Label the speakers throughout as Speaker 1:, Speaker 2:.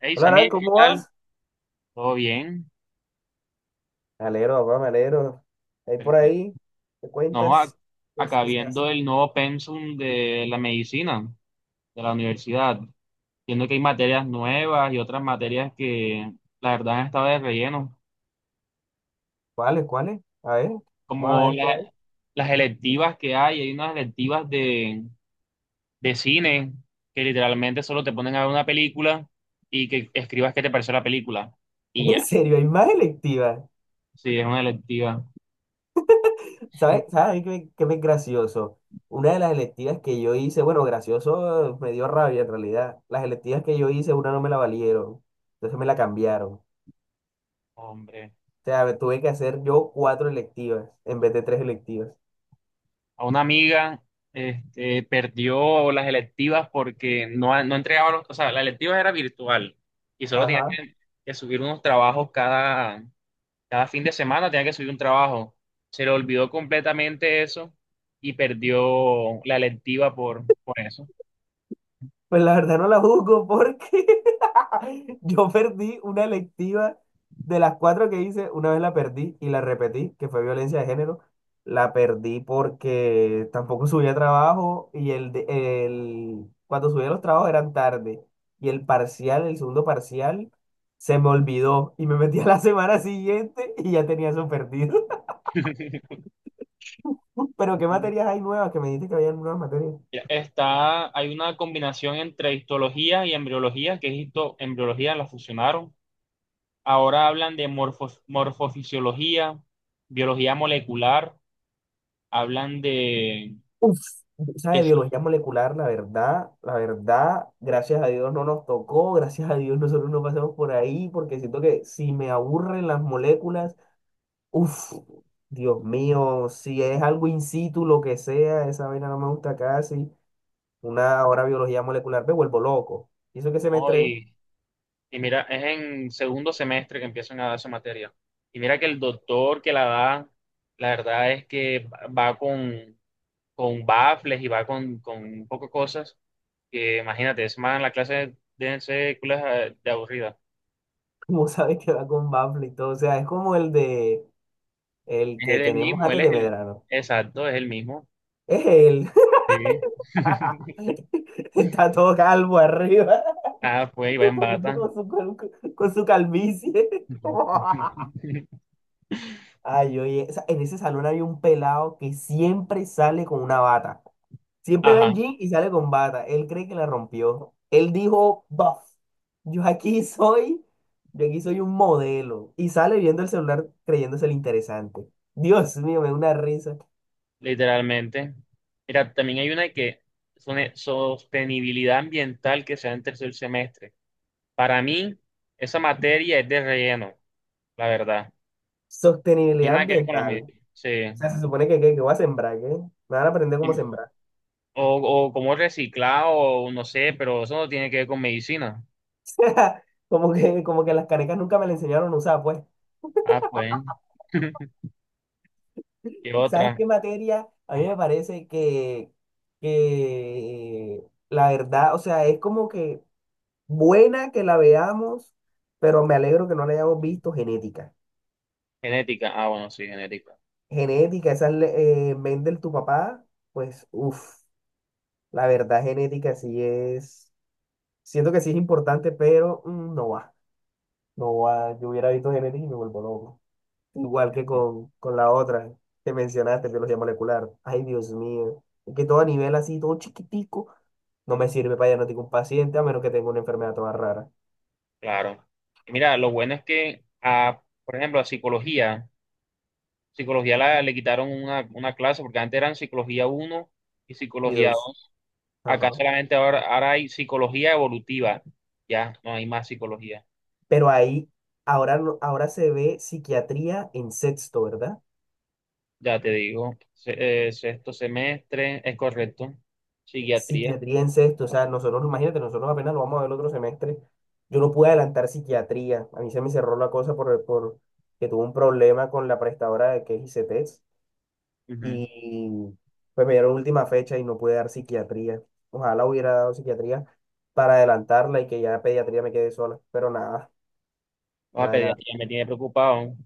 Speaker 1: Hey,
Speaker 2: Hola, Nay,
Speaker 1: Samir, ¿qué
Speaker 2: ¿cómo
Speaker 1: tal?
Speaker 2: vas?
Speaker 1: ¿Todo bien?
Speaker 2: Me alegro, papá, me alegro. Ahí por
Speaker 1: Perfecto.
Speaker 2: ahí, ¿te
Speaker 1: No, a-
Speaker 2: cuentas? ¿Qué,
Speaker 1: Acá
Speaker 2: qué se hace?
Speaker 1: viendo el nuevo pensum de la medicina de la universidad, viendo que hay materias nuevas y otras materias que la verdad han estado de relleno,
Speaker 2: ¿Cuáles, cuáles? A ver, vamos a
Speaker 1: como
Speaker 2: ver qué
Speaker 1: la-
Speaker 2: hay.
Speaker 1: las electivas que hay unas electivas de cine que literalmente solo te ponen a ver una película y que escribas qué te pareció la película y
Speaker 2: En
Speaker 1: ya,
Speaker 2: serio, hay más electivas.
Speaker 1: sí, es una electiva.
Speaker 2: ¿Sabes? ¿Sabes qué, qué me es gracioso? Una de las electivas que yo hice, bueno, gracioso me dio rabia en realidad. Las electivas que yo hice, una no me la valieron. Entonces me la cambiaron. O
Speaker 1: Hombre.
Speaker 2: sea, me tuve que hacer yo cuatro electivas en vez de tres electivas.
Speaker 1: A una amiga, este, perdió las electivas porque no entregaba los. La electiva era virtual y solo tenía
Speaker 2: Ajá.
Speaker 1: que subir unos trabajos cada fin de semana, tenía que subir un trabajo. Se le olvidó completamente eso y perdió la electiva por eso.
Speaker 2: Pues la verdad no la juzgo porque yo perdí una electiva de las cuatro que hice, una vez la perdí y la repetí, que fue violencia de género. La perdí porque tampoco subía trabajo y el cuando subía los trabajos eran tarde. Y el parcial, el segundo parcial, se me olvidó y me metí a la semana siguiente y ya tenía eso perdido. Pero ¿qué materias hay nuevas? Que me dijiste que había nuevas materias.
Speaker 1: Hay una combinación entre histología y embriología, que es embriología, la fusionaron. Ahora hablan de morfofisiología, biología molecular. Hablan
Speaker 2: Uf, esa
Speaker 1: de sí,
Speaker 2: biología molecular, la verdad, gracias a Dios no nos tocó, gracias a Dios nosotros no pasamos por ahí, porque siento que si me aburren las moléculas, uf, Dios mío, si es algo in situ, lo que sea, esa vaina no me gusta casi, una hora biología molecular, me vuelvo loco. Y eso que
Speaker 1: ¿no?
Speaker 2: semestre,
Speaker 1: Y mira, es en segundo semestre que empiezan a dar esa materia. Y mira que el doctor que la da, la verdad es que va con baffles y va con un poco de cosas que imagínate, es más en la clase de ser culas de aburrida.
Speaker 2: como sabes que va con Bafle y todo, o sea, es como el que
Speaker 1: Es el
Speaker 2: tenemos
Speaker 1: mismo,
Speaker 2: antes de Medrano,
Speaker 1: exacto, es el mismo.
Speaker 2: es él,
Speaker 1: Sí.
Speaker 2: está todo calvo arriba.
Speaker 1: Ah, pues, y va en
Speaker 2: Con
Speaker 1: bata.
Speaker 2: con su calvicie. Ay, oye, o sea, en ese salón había un pelado que siempre sale con una bata. Siempre va
Speaker 1: Ajá.
Speaker 2: en jean y sale con bata. Él cree que la rompió. Él dijo, buff, yo aquí soy, yo aquí soy un modelo. Y sale viendo el celular creyéndose el interesante. Dios mío, me da una risa.
Speaker 1: Literalmente. Mira, también hay una que es una sostenibilidad ambiental que se da en tercer semestre. Para mí, esa materia es de relleno, la verdad. Tiene
Speaker 2: Sostenibilidad
Speaker 1: nada que ver con la
Speaker 2: ambiental. O
Speaker 1: medicina. Sí.
Speaker 2: sea, se supone que, voy a sembrar, ¿qué? Me van a aprender cómo
Speaker 1: Y-
Speaker 2: sembrar.
Speaker 1: O, o como reciclado, o no sé, pero eso no tiene que ver con medicina.
Speaker 2: Como que las canecas nunca me la enseñaron a usar, pues.
Speaker 1: Ah, pues. ¿Qué
Speaker 2: ¿Sabes
Speaker 1: otra?
Speaker 2: qué materia? A mí me
Speaker 1: Ajá.
Speaker 2: parece que la verdad, o sea, es como que buena que la veamos, pero me alegro que no la hayamos visto genética.
Speaker 1: Genética. Ah, bueno, sí, genética.
Speaker 2: Genética, esa es Mendel, tu papá, pues, uff, la verdad genética sí es, siento que sí es importante, pero no va, no va, yo hubiera visto genética y me vuelvo loco. Igual que con la otra que mencionaste, biología molecular. Ay, Dios mío. Que todo a nivel así, todo chiquitico, no me sirve para diagnosticar un paciente a menos que tenga una enfermedad toda rara.
Speaker 1: Claro. Y mira, lo bueno es que, ah, por ejemplo, la psicología. Le quitaron una clase porque antes eran psicología uno y
Speaker 2: Y
Speaker 1: psicología
Speaker 2: dos.
Speaker 1: dos. Acá
Speaker 2: Ajá.
Speaker 1: solamente ahora hay psicología evolutiva. Ya, no hay más psicología.
Speaker 2: Pero ahí, ahora, no- ahora se ve psiquiatría en sexto, ¿verdad?
Speaker 1: Ya te digo, sexto semestre, es correcto. Psiquiatría.
Speaker 2: Psiquiatría en sexto. O sea, nosotros, imagínate, nosotros apenas lo vamos a ver el otro semestre. Yo no pude adelantar psiquiatría. A mí se me cerró la cosa por que tuve un problema con la prestadora de que es ICETEX
Speaker 1: Ujú.
Speaker 2: y pues me dieron última fecha y no pude dar psiquiatría. Ojalá hubiera dado psiquiatría para adelantarla y que ya pediatría me quede sola, pero nada,
Speaker 1: Ah,
Speaker 2: nada de nada.
Speaker 1: pediatría me tiene preocupado.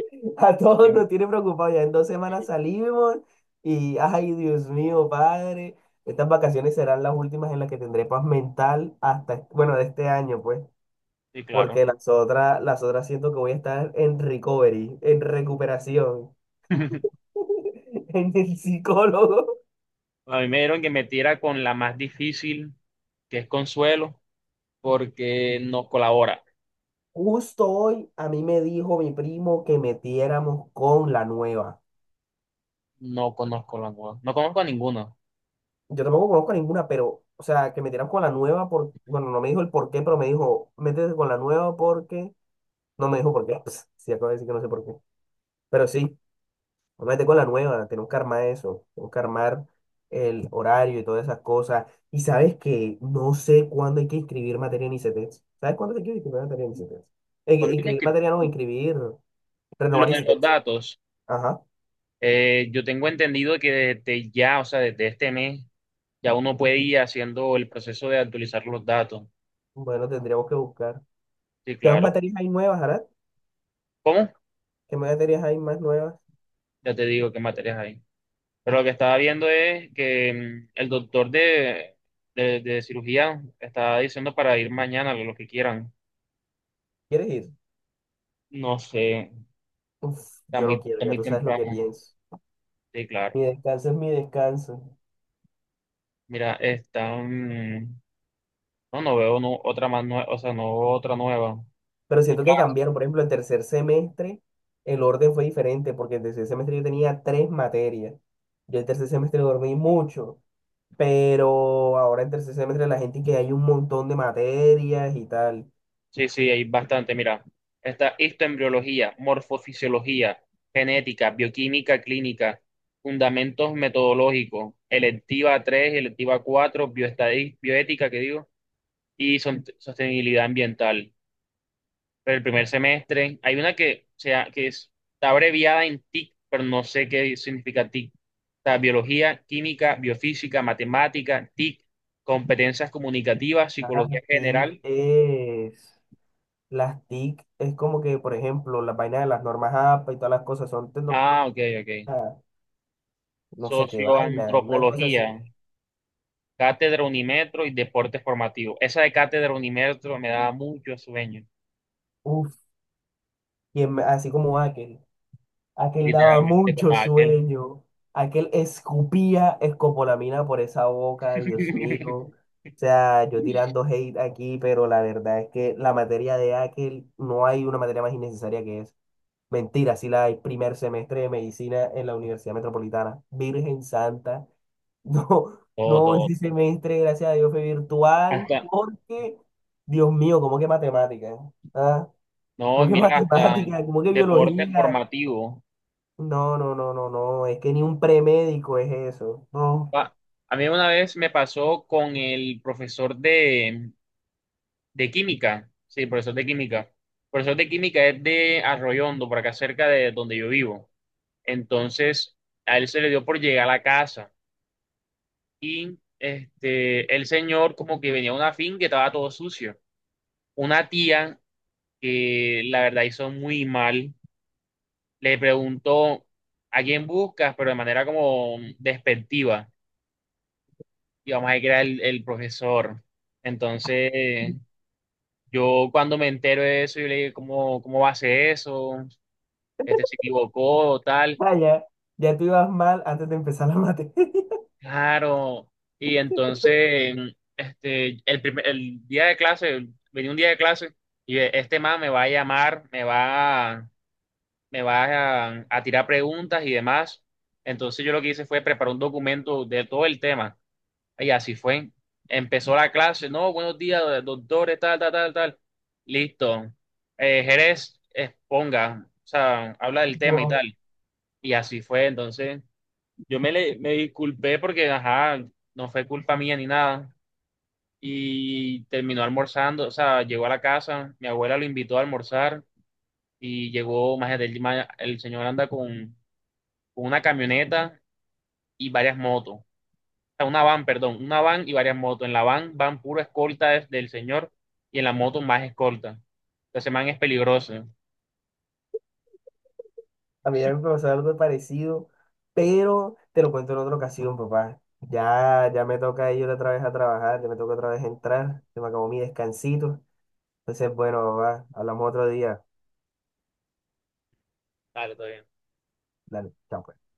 Speaker 2: A todos
Speaker 1: Sí,
Speaker 2: nos tiene preocupados, ya en dos semanas salimos y, ay, Dios mío, padre, estas vacaciones serán las últimas en las que tendré paz mental hasta, bueno, de este año, pues,
Speaker 1: sí, claro.
Speaker 2: porque las otras siento que voy a estar en recovery, en recuperación, en el psicólogo.
Speaker 1: A mí me dieron que metiera con la más difícil, que es Consuelo, porque no colabora.
Speaker 2: Justo hoy a mí me dijo mi primo que metiéramos con la nueva.
Speaker 1: No conozco no conozco a ninguno.
Speaker 2: Yo tampoco conozco ninguna, pero, o sea, que metiéramos con la nueva por, bueno, no me dijo el por qué, pero me dijo, métete con la nueva porque, no me dijo por qué, pues, sí, acabo de decir que no sé por qué, pero sí, métete con la nueva, tenemos que armar eso, tenemos que armar el horario y todas esas cosas. Y sabes que no sé cuándo hay que inscribir materia en ICETEX. ¿Sabes cuándo hay que inscribir materia en ICETEX? Que
Speaker 1: Cuando dije
Speaker 2: inscribir
Speaker 1: que-
Speaker 2: materia no, inscribir,
Speaker 1: lo
Speaker 2: renovar
Speaker 1: de los
Speaker 2: ICETEX.
Speaker 1: datos,
Speaker 2: Ajá.
Speaker 1: eh, yo tengo entendido que desde ya, o sea, desde este mes, ya uno puede ir haciendo el proceso de actualizar los datos.
Speaker 2: Bueno, tendríamos que buscar.
Speaker 1: Sí,
Speaker 2: ¿Qué más
Speaker 1: claro.
Speaker 2: materias hay nuevas, Arad?
Speaker 1: ¿Cómo?
Speaker 2: ¿Qué más materias hay más nuevas?
Speaker 1: Ya te digo qué materias hay. Pero lo que estaba viendo es que mm, el doctor de cirugía estaba diciendo para ir mañana, lo que quieran.
Speaker 2: ¿Quieres ir?
Speaker 1: No sé,
Speaker 2: Uf, yo no quiero,
Speaker 1: está
Speaker 2: ya
Speaker 1: muy
Speaker 2: tú sabes lo que
Speaker 1: temprano.
Speaker 2: pienso.
Speaker 1: Sí, claro.
Speaker 2: Mi descanso es mi descanso.
Speaker 1: Mira, no, no veo no, otra más nueva, o sea, no veo otra nueva.
Speaker 2: Pero siento que cambiaron, por ejemplo, el tercer semestre, el orden fue diferente, porque el tercer semestre yo tenía tres materias. Yo el tercer semestre dormí mucho, pero ahora en tercer semestre la gente que hay un montón de materias y tal.
Speaker 1: Sí, sí, hay bastante. Mira, está histoembriología, morfofisiología, genética, bioquímica clínica, fundamentos metodológicos, electiva 3, electiva 4, bioética, que digo, sostenibilidad ambiental. Pero el primer semestre, hay una que está abreviada en TIC, pero no sé qué significa TIC. Está biología, química, biofísica, matemática, TIC, competencias comunicativas, psicología
Speaker 2: Así
Speaker 1: general.
Speaker 2: es. Las TIC es como que, por ejemplo, las vainas de las normas APA y todas las cosas son tecnología,
Speaker 1: Ah, ok, ok.
Speaker 2: no sé qué vaina, una cosa
Speaker 1: Socioantropología,
Speaker 2: así.
Speaker 1: Cátedra Unimetro y Deporte Formativo. Esa de Cátedra Unimetro me daba mucho sueño,
Speaker 2: Uf, así como aquel. Aquel daba
Speaker 1: literalmente
Speaker 2: mucho
Speaker 1: como aquel.
Speaker 2: sueño. Aquel escupía escopolamina por esa boca, Dios mío. O sea, yo tirando hate aquí, pero la verdad es que la materia de aquel no hay una materia más innecesaria que es. Mentira, sí la hay, primer semestre de medicina en la Universidad Metropolitana. Virgen Santa. No,
Speaker 1: Todo,
Speaker 2: no, ese
Speaker 1: todo.
Speaker 2: semestre, gracias a Dios, fue virtual,
Speaker 1: Hasta,
Speaker 2: porque, Dios mío, ¿cómo que matemáticas? ¿Ah?
Speaker 1: no,
Speaker 2: ¿Cómo que
Speaker 1: mira, hasta
Speaker 2: matemáticas? ¿Cómo que
Speaker 1: deporte
Speaker 2: biología?
Speaker 1: formativo.
Speaker 2: No, no, no, no, no, es que ni un premédico es eso. No,
Speaker 1: Pa- a mí una vez me pasó con el profesor de química. Sí, profesor de química. El profesor de química es de Arroyondo, por acá cerca de donde yo vivo. Entonces, a él se le dio por llegar a la casa. Y este, el señor como que venía a una finca que estaba todo sucio. Una tía que la verdad hizo muy mal, le preguntó a quién buscas, pero de manera como despectiva. Y vamos a decir que era el profesor. Entonces, yo cuando me entero de eso, yo le dije, ¿cómo va a ser eso? Este se equivocó, tal.
Speaker 2: vaya, ya tú ibas mal antes de empezar la mate.
Speaker 1: Claro, y entonces, mm, este, el día de clase, venía un día de clase y este man me va a llamar, me va a tirar preguntas y demás. Entonces yo lo que hice fue preparar un documento de todo el tema. Y así fue. Empezó la clase, no, buenos días, doctores, tal, tal, tal, tal. Listo. Jerez, exponga, o sea, habla del tema y
Speaker 2: No,
Speaker 1: tal. Y así fue, entonces. Me disculpé porque, ajá, no fue culpa mía ni nada. Y terminó almorzando, o sea, llegó a la casa, mi abuela lo invitó a almorzar y llegó, el señor anda con una camioneta y varias motos. O sea, una van, perdón, una van y varias motos. En la van van puro escolta del señor y en la moto más escolta. Entonces, man es peligroso.
Speaker 2: a mí ya me pasó algo parecido, pero te lo cuento en otra ocasión, papá. Ya me toca ir otra vez a trabajar, ya me toca otra vez entrar, se me acabó mi descansito. Entonces, bueno, papá, hablamos otro día.
Speaker 1: Dale, todo bien.
Speaker 2: Dale, chao, pues.